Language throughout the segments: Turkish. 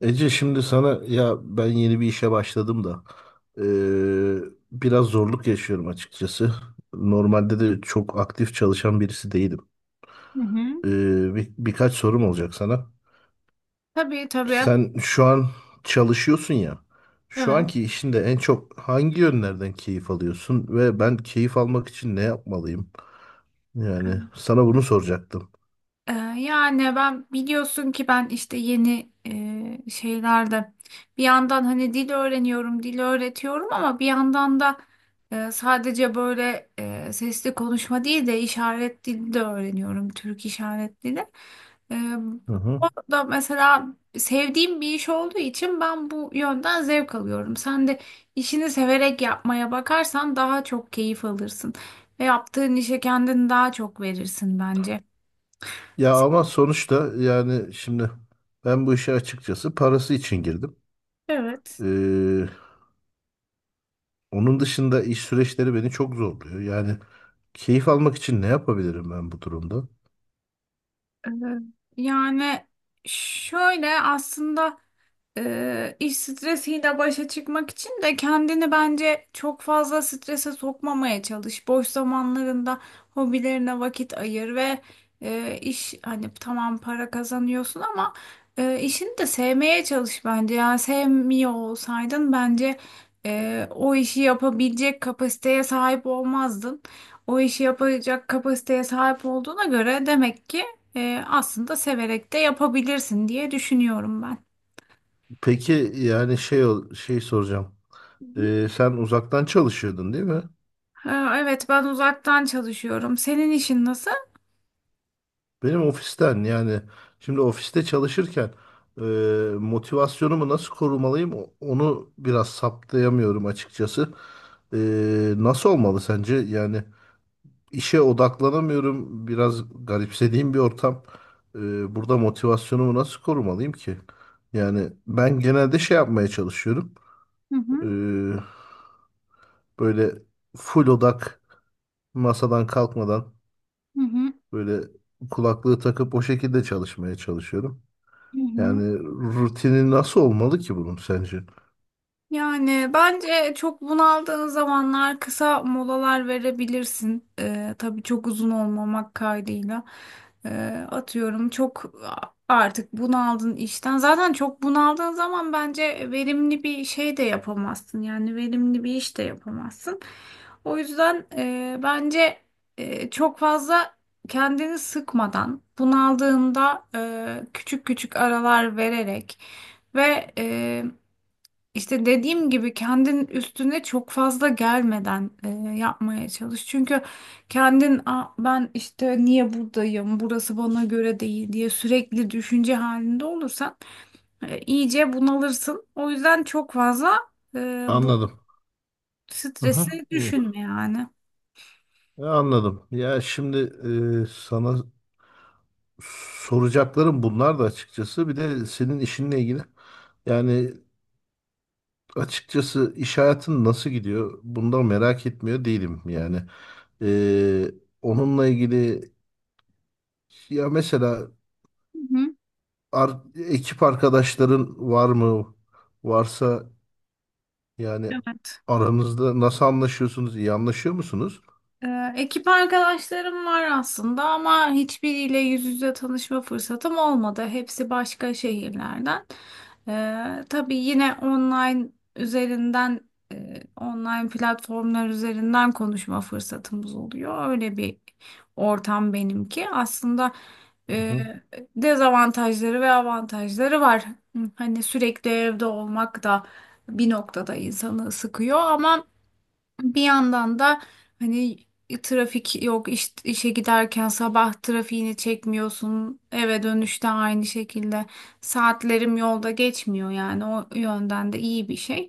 Ece, şimdi sana, ya ben yeni bir işe başladım da eee, biraz zorluk yaşıyorum açıkçası. Normalde de çok aktif çalışan birisi değilim. Hı hı. Eee, birkaç sorum olacak sana. Tabii tabii. Sen şu an çalışıyorsun ya. Şu Evet. anki işinde en çok hangi yönlerden keyif alıyorsun ve ben keyif almak için ne yapmalıyım? Yani sana bunu soracaktım. Yani ben biliyorsun ki ben işte yeni şeylerde bir yandan hani dil öğreniyorum, dil öğretiyorum ama bir yandan da sadece böyle sesli konuşma değil de işaret dili de öğreniyorum, Türk işaret dili. Ee, Hı hı. O da mesela sevdiğim bir iş olduğu için ben bu yönden zevk alıyorum. Sen de işini severek yapmaya bakarsan daha çok keyif alırsın ve yaptığın işe kendini daha çok verirsin bence. Ya ama sonuçta yani şimdi ben bu işe açıkçası parası için Evet. girdim. Onun dışında iş süreçleri beni çok zorluyor. Yani keyif almak için ne yapabilirim ben bu durumda? Ee, Yani şöyle aslında. İş stresiyle başa çıkmak için de kendini bence çok fazla strese sokmamaya çalış. Boş zamanlarında hobilerine vakit ayır ve iş hani tamam para kazanıyorsun ama işini de sevmeye çalış bence. Yani sevmiyor olsaydın bence o işi yapabilecek kapasiteye sahip olmazdın. O işi yapacak kapasiteye sahip olduğuna göre demek ki aslında severek de yapabilirsin diye düşünüyorum ben. Peki yani şey soracağım. Sen uzaktan çalışıyordun, değil mi? Ha, evet ben uzaktan çalışıyorum. Senin işin nasıl? Benim ofisten, yani şimdi ofiste çalışırken e, motivasyonumu nasıl korumalıyım? Onu biraz saptayamıyorum açıkçası. Nasıl olmalı sence? Yani İşe odaklanamıyorum. Biraz garipsediğim bir ortam. Burada motivasyonumu nasıl korumalıyım ki? Yani ben genelde şey yapmaya çalışıyorum. Hı Ee, hı, Böyle full odak, masadan kalkmadan, hı hı, böyle kulaklığı takıp o şekilde çalışmaya çalışıyorum. hı hı. Yani rutini nasıl olmalı ki bunun sence? Yani bence çok bunaldığın zamanlar kısa molalar verebilirsin. Tabii çok uzun olmamak kaydıyla. Atıyorum çok artık bunaldın işten. Zaten çok bunaldığın zaman bence verimli bir şey de yapamazsın. Yani verimli bir iş de yapamazsın. O yüzden bence çok fazla kendini sıkmadan bunaldığında küçük küçük aralar vererek ve işte dediğim gibi kendin üstüne çok fazla gelmeden yapmaya çalış. Çünkü kendin, "Aa, ben işte niye buradayım, burası bana göre değil," diye sürekli düşünce halinde olursan iyice bunalırsın. O yüzden çok fazla bu Anladım. Aha, stresi iyi. düşünme yani. Anladım. Ya şimdi sana soracaklarım bunlar da açıkçası. Bir de senin işinle ilgili. Yani açıkçası iş hayatın nasıl gidiyor? Bundan merak etmiyor değilim yani. Ee, Onunla ilgili, ya mesela Hı hı. Ekip arkadaşların var mı? Varsa yani Evet. aranızda nasıl anlaşıyorsunuz? İyi anlaşıyor musunuz? Ekip arkadaşlarım var aslında ama hiçbiriyle yüz yüze tanışma fırsatım olmadı. Hepsi başka şehirlerden. Tabii yine online üzerinden, online platformlar üzerinden konuşma fırsatımız oluyor. Öyle bir ortam benimki. Aslında Hı e, hı. dezavantajları ve avantajları var. Hani sürekli evde olmak da bir noktada insanı sıkıyor ama bir yandan da hani trafik yok, işe giderken sabah trafiğini çekmiyorsun, eve dönüşte aynı şekilde saatlerim yolda geçmiyor, yani o yönden de iyi bir şey.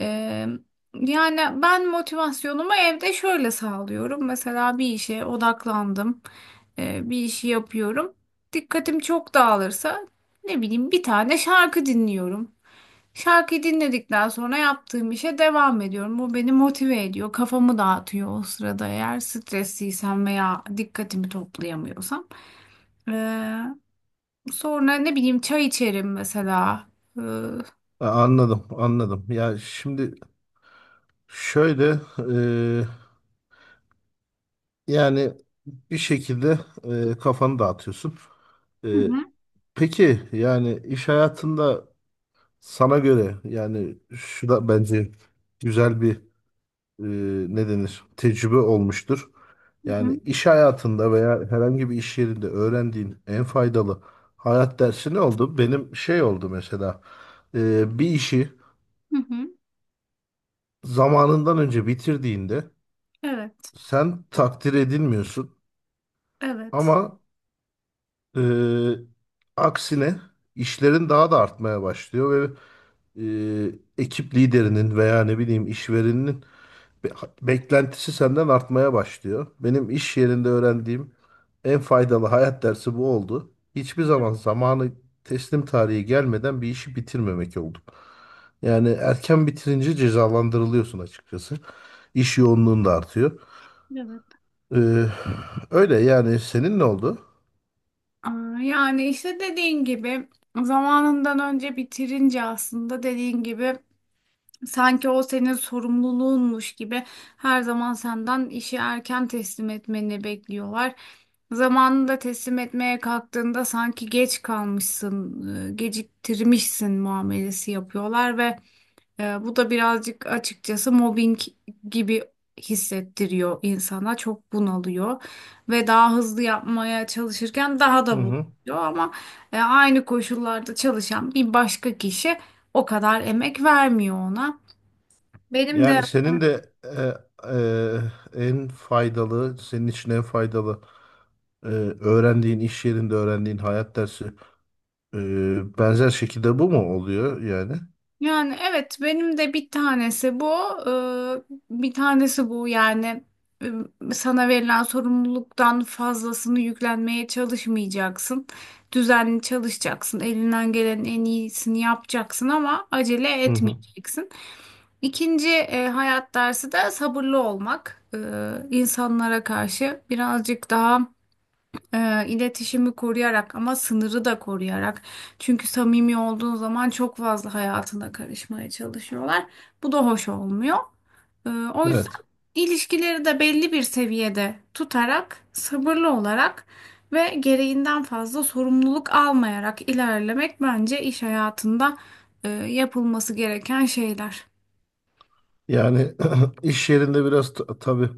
Ee, Yani ben motivasyonumu evde şöyle sağlıyorum: mesela bir işe odaklandım. Bir işi yapıyorum, dikkatim çok dağılırsa ne bileyim bir tane şarkı dinliyorum. Şarkıyı dinledikten sonra yaptığım işe devam ediyorum. Bu beni motive ediyor, kafamı dağıtıyor o sırada, eğer stresliysem veya dikkatimi toplayamıyorsam. Ee, Sonra ne bileyim çay içerim mesela. Hı Ha, anladım, anladım. Ya şimdi şöyle, yani bir şekilde kafanı dağıtıyorsun. E, hı, peki yani iş hayatında, sana göre, yani şu da bence güzel bir e, ne denir, tecrübe olmuştur. hı hı, Yani iş hayatında veya herhangi bir iş yerinde öğrendiğin en faydalı hayat dersi ne oldu? Benim şey oldu mesela, bir işi hı hı. zamanından önce bitirdiğinde Evet, sen takdir edilmiyorsun. evet, Ama Ee, aksine işlerin daha da artmaya başlıyor ve e, ekip liderinin veya ne bileyim işverenin be- beklentisi senden artmaya başlıyor. Benim iş yerinde öğrendiğim en faydalı hayat dersi bu oldu. Hiçbir zaman zamanı, teslim tarihi gelmeden bir işi bitirmemek oldu. Yani erken bitirince cezalandırılıyorsun açıkçası. İş yoğunluğun da artıyor. evet. Ee, Öyle yani, senin ne oldu? Aa, yani işte dediğin gibi zamanından önce bitirince, aslında dediğin gibi, sanki o senin sorumluluğunmuş gibi her zaman senden işi erken teslim etmeni bekliyorlar. Zamanında teslim etmeye kalktığında sanki geç kalmışsın, geciktirmişsin muamelesi yapıyorlar ve bu da birazcık açıkçası mobbing gibi hissettiriyor insana. Çok bunalıyor ve daha hızlı yapmaya çalışırken daha Hı da bunalıyor hı. ama aynı koşullarda çalışan bir başka kişi o kadar emek vermiyor ona. Benim de Yani senin de en faydalı, senin için en faydalı e, iş yerinde öğrendiğin hayat dersi e, benzer şekilde bu mu oluyor yani? yani evet, benim de bir tanesi bu. Ee, Bir tanesi bu yani: e, sana verilen sorumluluktan fazlasını yüklenmeye çalışmayacaksın. Düzenli çalışacaksın. Elinden gelenin en iyisini yapacaksın ama acele Hı hı. etmeyeceksin. İkinci hayat dersi de sabırlı olmak. İnsanlara karşı birazcık daha iletişimi koruyarak ama sınırı da koruyarak. Çünkü samimi olduğun zaman çok fazla hayatına karışmaya çalışıyorlar. Bu da hoş olmuyor. O yüzden Evet. ilişkileri de belli bir seviyede tutarak, sabırlı olarak ve gereğinden fazla sorumluluk almayarak ilerlemek bence iş hayatında yapılması gereken şeyler. Yani iş yerinde biraz tabii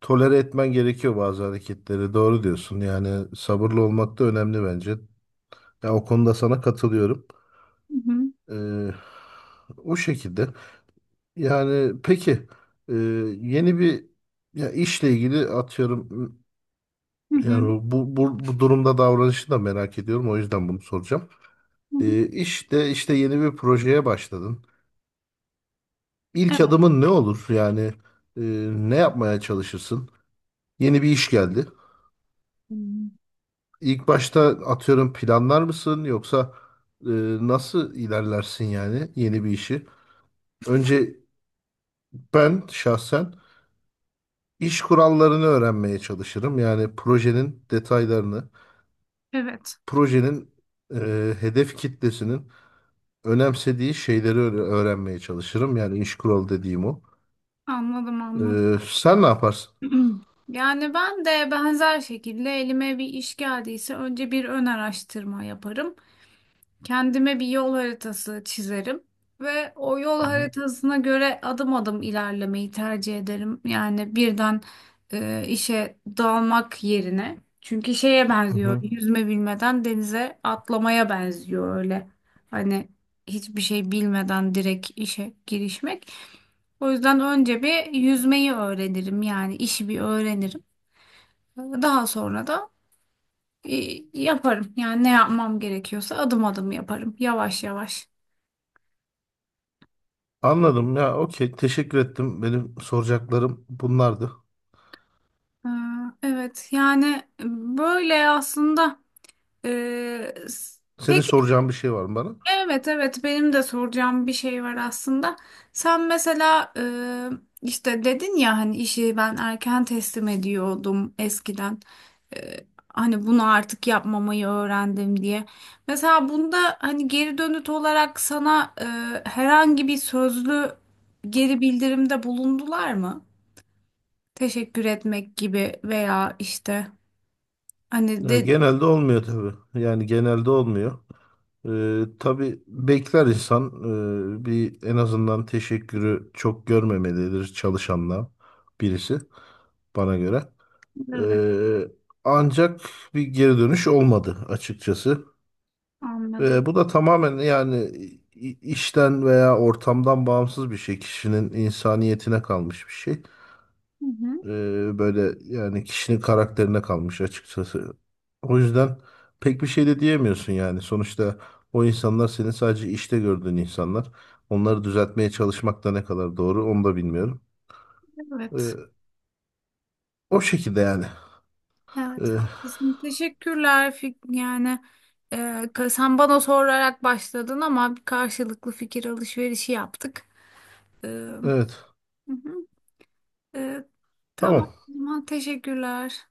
tolere etmen gerekiyor bazı hareketleri. Doğru diyorsun. Yani sabırlı olmak da önemli bence. Ya o konuda sana katılıyorum. Hı hı, E, O şekilde. Yani peki e, yeni bir, ya işle ilgili, atıyorum hı hı, yani bu durumda davranışı da merak ediyorum, o yüzden bunu soracağım. hı hı. İşte işte yeni bir projeye başladın. İlk Evet. adımın ne olur? Yani e, ne yapmaya çalışırsın? Yeni bir iş geldi. Hmm. İlk başta atıyorum planlar mısın, yoksa e, nasıl ilerlersin yani yeni bir işi? Önce ben şahsen iş kurallarını öğrenmeye çalışırım. Yani projenin detaylarını, Evet. projenin hedef kitlesinin önemsediği şeyleri öğrenmeye çalışırım. Yani iş kuralı dediğim o. Anladım, anladım. Sen ne yaparsın? Yani ben de benzer şekilde elime bir iş geldiyse önce bir ön araştırma yaparım. Kendime bir yol haritası çizerim ve o yol Hı hı. haritasına göre adım adım ilerlemeyi tercih ederim. Yani birden işe dalmak yerine. Çünkü şeye Hı benziyor. hı. Yüzme bilmeden denize atlamaya benziyor öyle. Hani hiçbir şey bilmeden direkt işe girişmek. O yüzden önce bir yüzmeyi öğrenirim. Yani işi bir öğrenirim. Daha sonra da e, yaparım. Yani ne yapmam gerekiyorsa adım adım yaparım. Yavaş yavaş. Anladım, ya okey, teşekkür ettim. Benim soracaklarım bunlardı. Ee, Evet yani e, böyle aslında e, s- Senin peki, soracağın bir şey var mı bana? evet, evet, benim de soracağım bir şey var aslında. Sen mesela işte dedin ya hani, işi ben erken teslim ediyordum eskiden. Hani bunu artık yapmamayı öğrendim diye. Mesela bunda hani geri dönüt olarak sana herhangi bir sözlü geri bildirimde bulundular mı? Teşekkür etmek gibi veya işte. Hani de Genelde olmuyor tabii. Yani genelde olmuyor. Tabii bekler insan, bir en azından teşekkürü çok görmemelidir çalışanla birisi, bana göre. evet, Ee, Ancak bir geri dönüş olmadı açıkçası. anladım. Bu da tamamen yani işten veya ortamdan bağımsız bir şey. Kişinin insaniyetine kalmış bir şey. Hı hı. Böyle yani, kişinin karakterine kalmış açıkçası. O yüzden pek bir şey de diyemiyorsun yani. Sonuçta o insanlar senin sadece işte gördüğün insanlar. Onları düzeltmeye çalışmak da ne kadar doğru, onu da bilmiyorum. Evet. Ee, O şekilde yani. Evet, Ee, haklısın. Teşekkürler. Yani e, sen bana sorarak başladın ama bir karşılıklı fikir alışverişi yaptık. Hı evet. hı. E, tamam, Tamam. o zaman teşekkürler.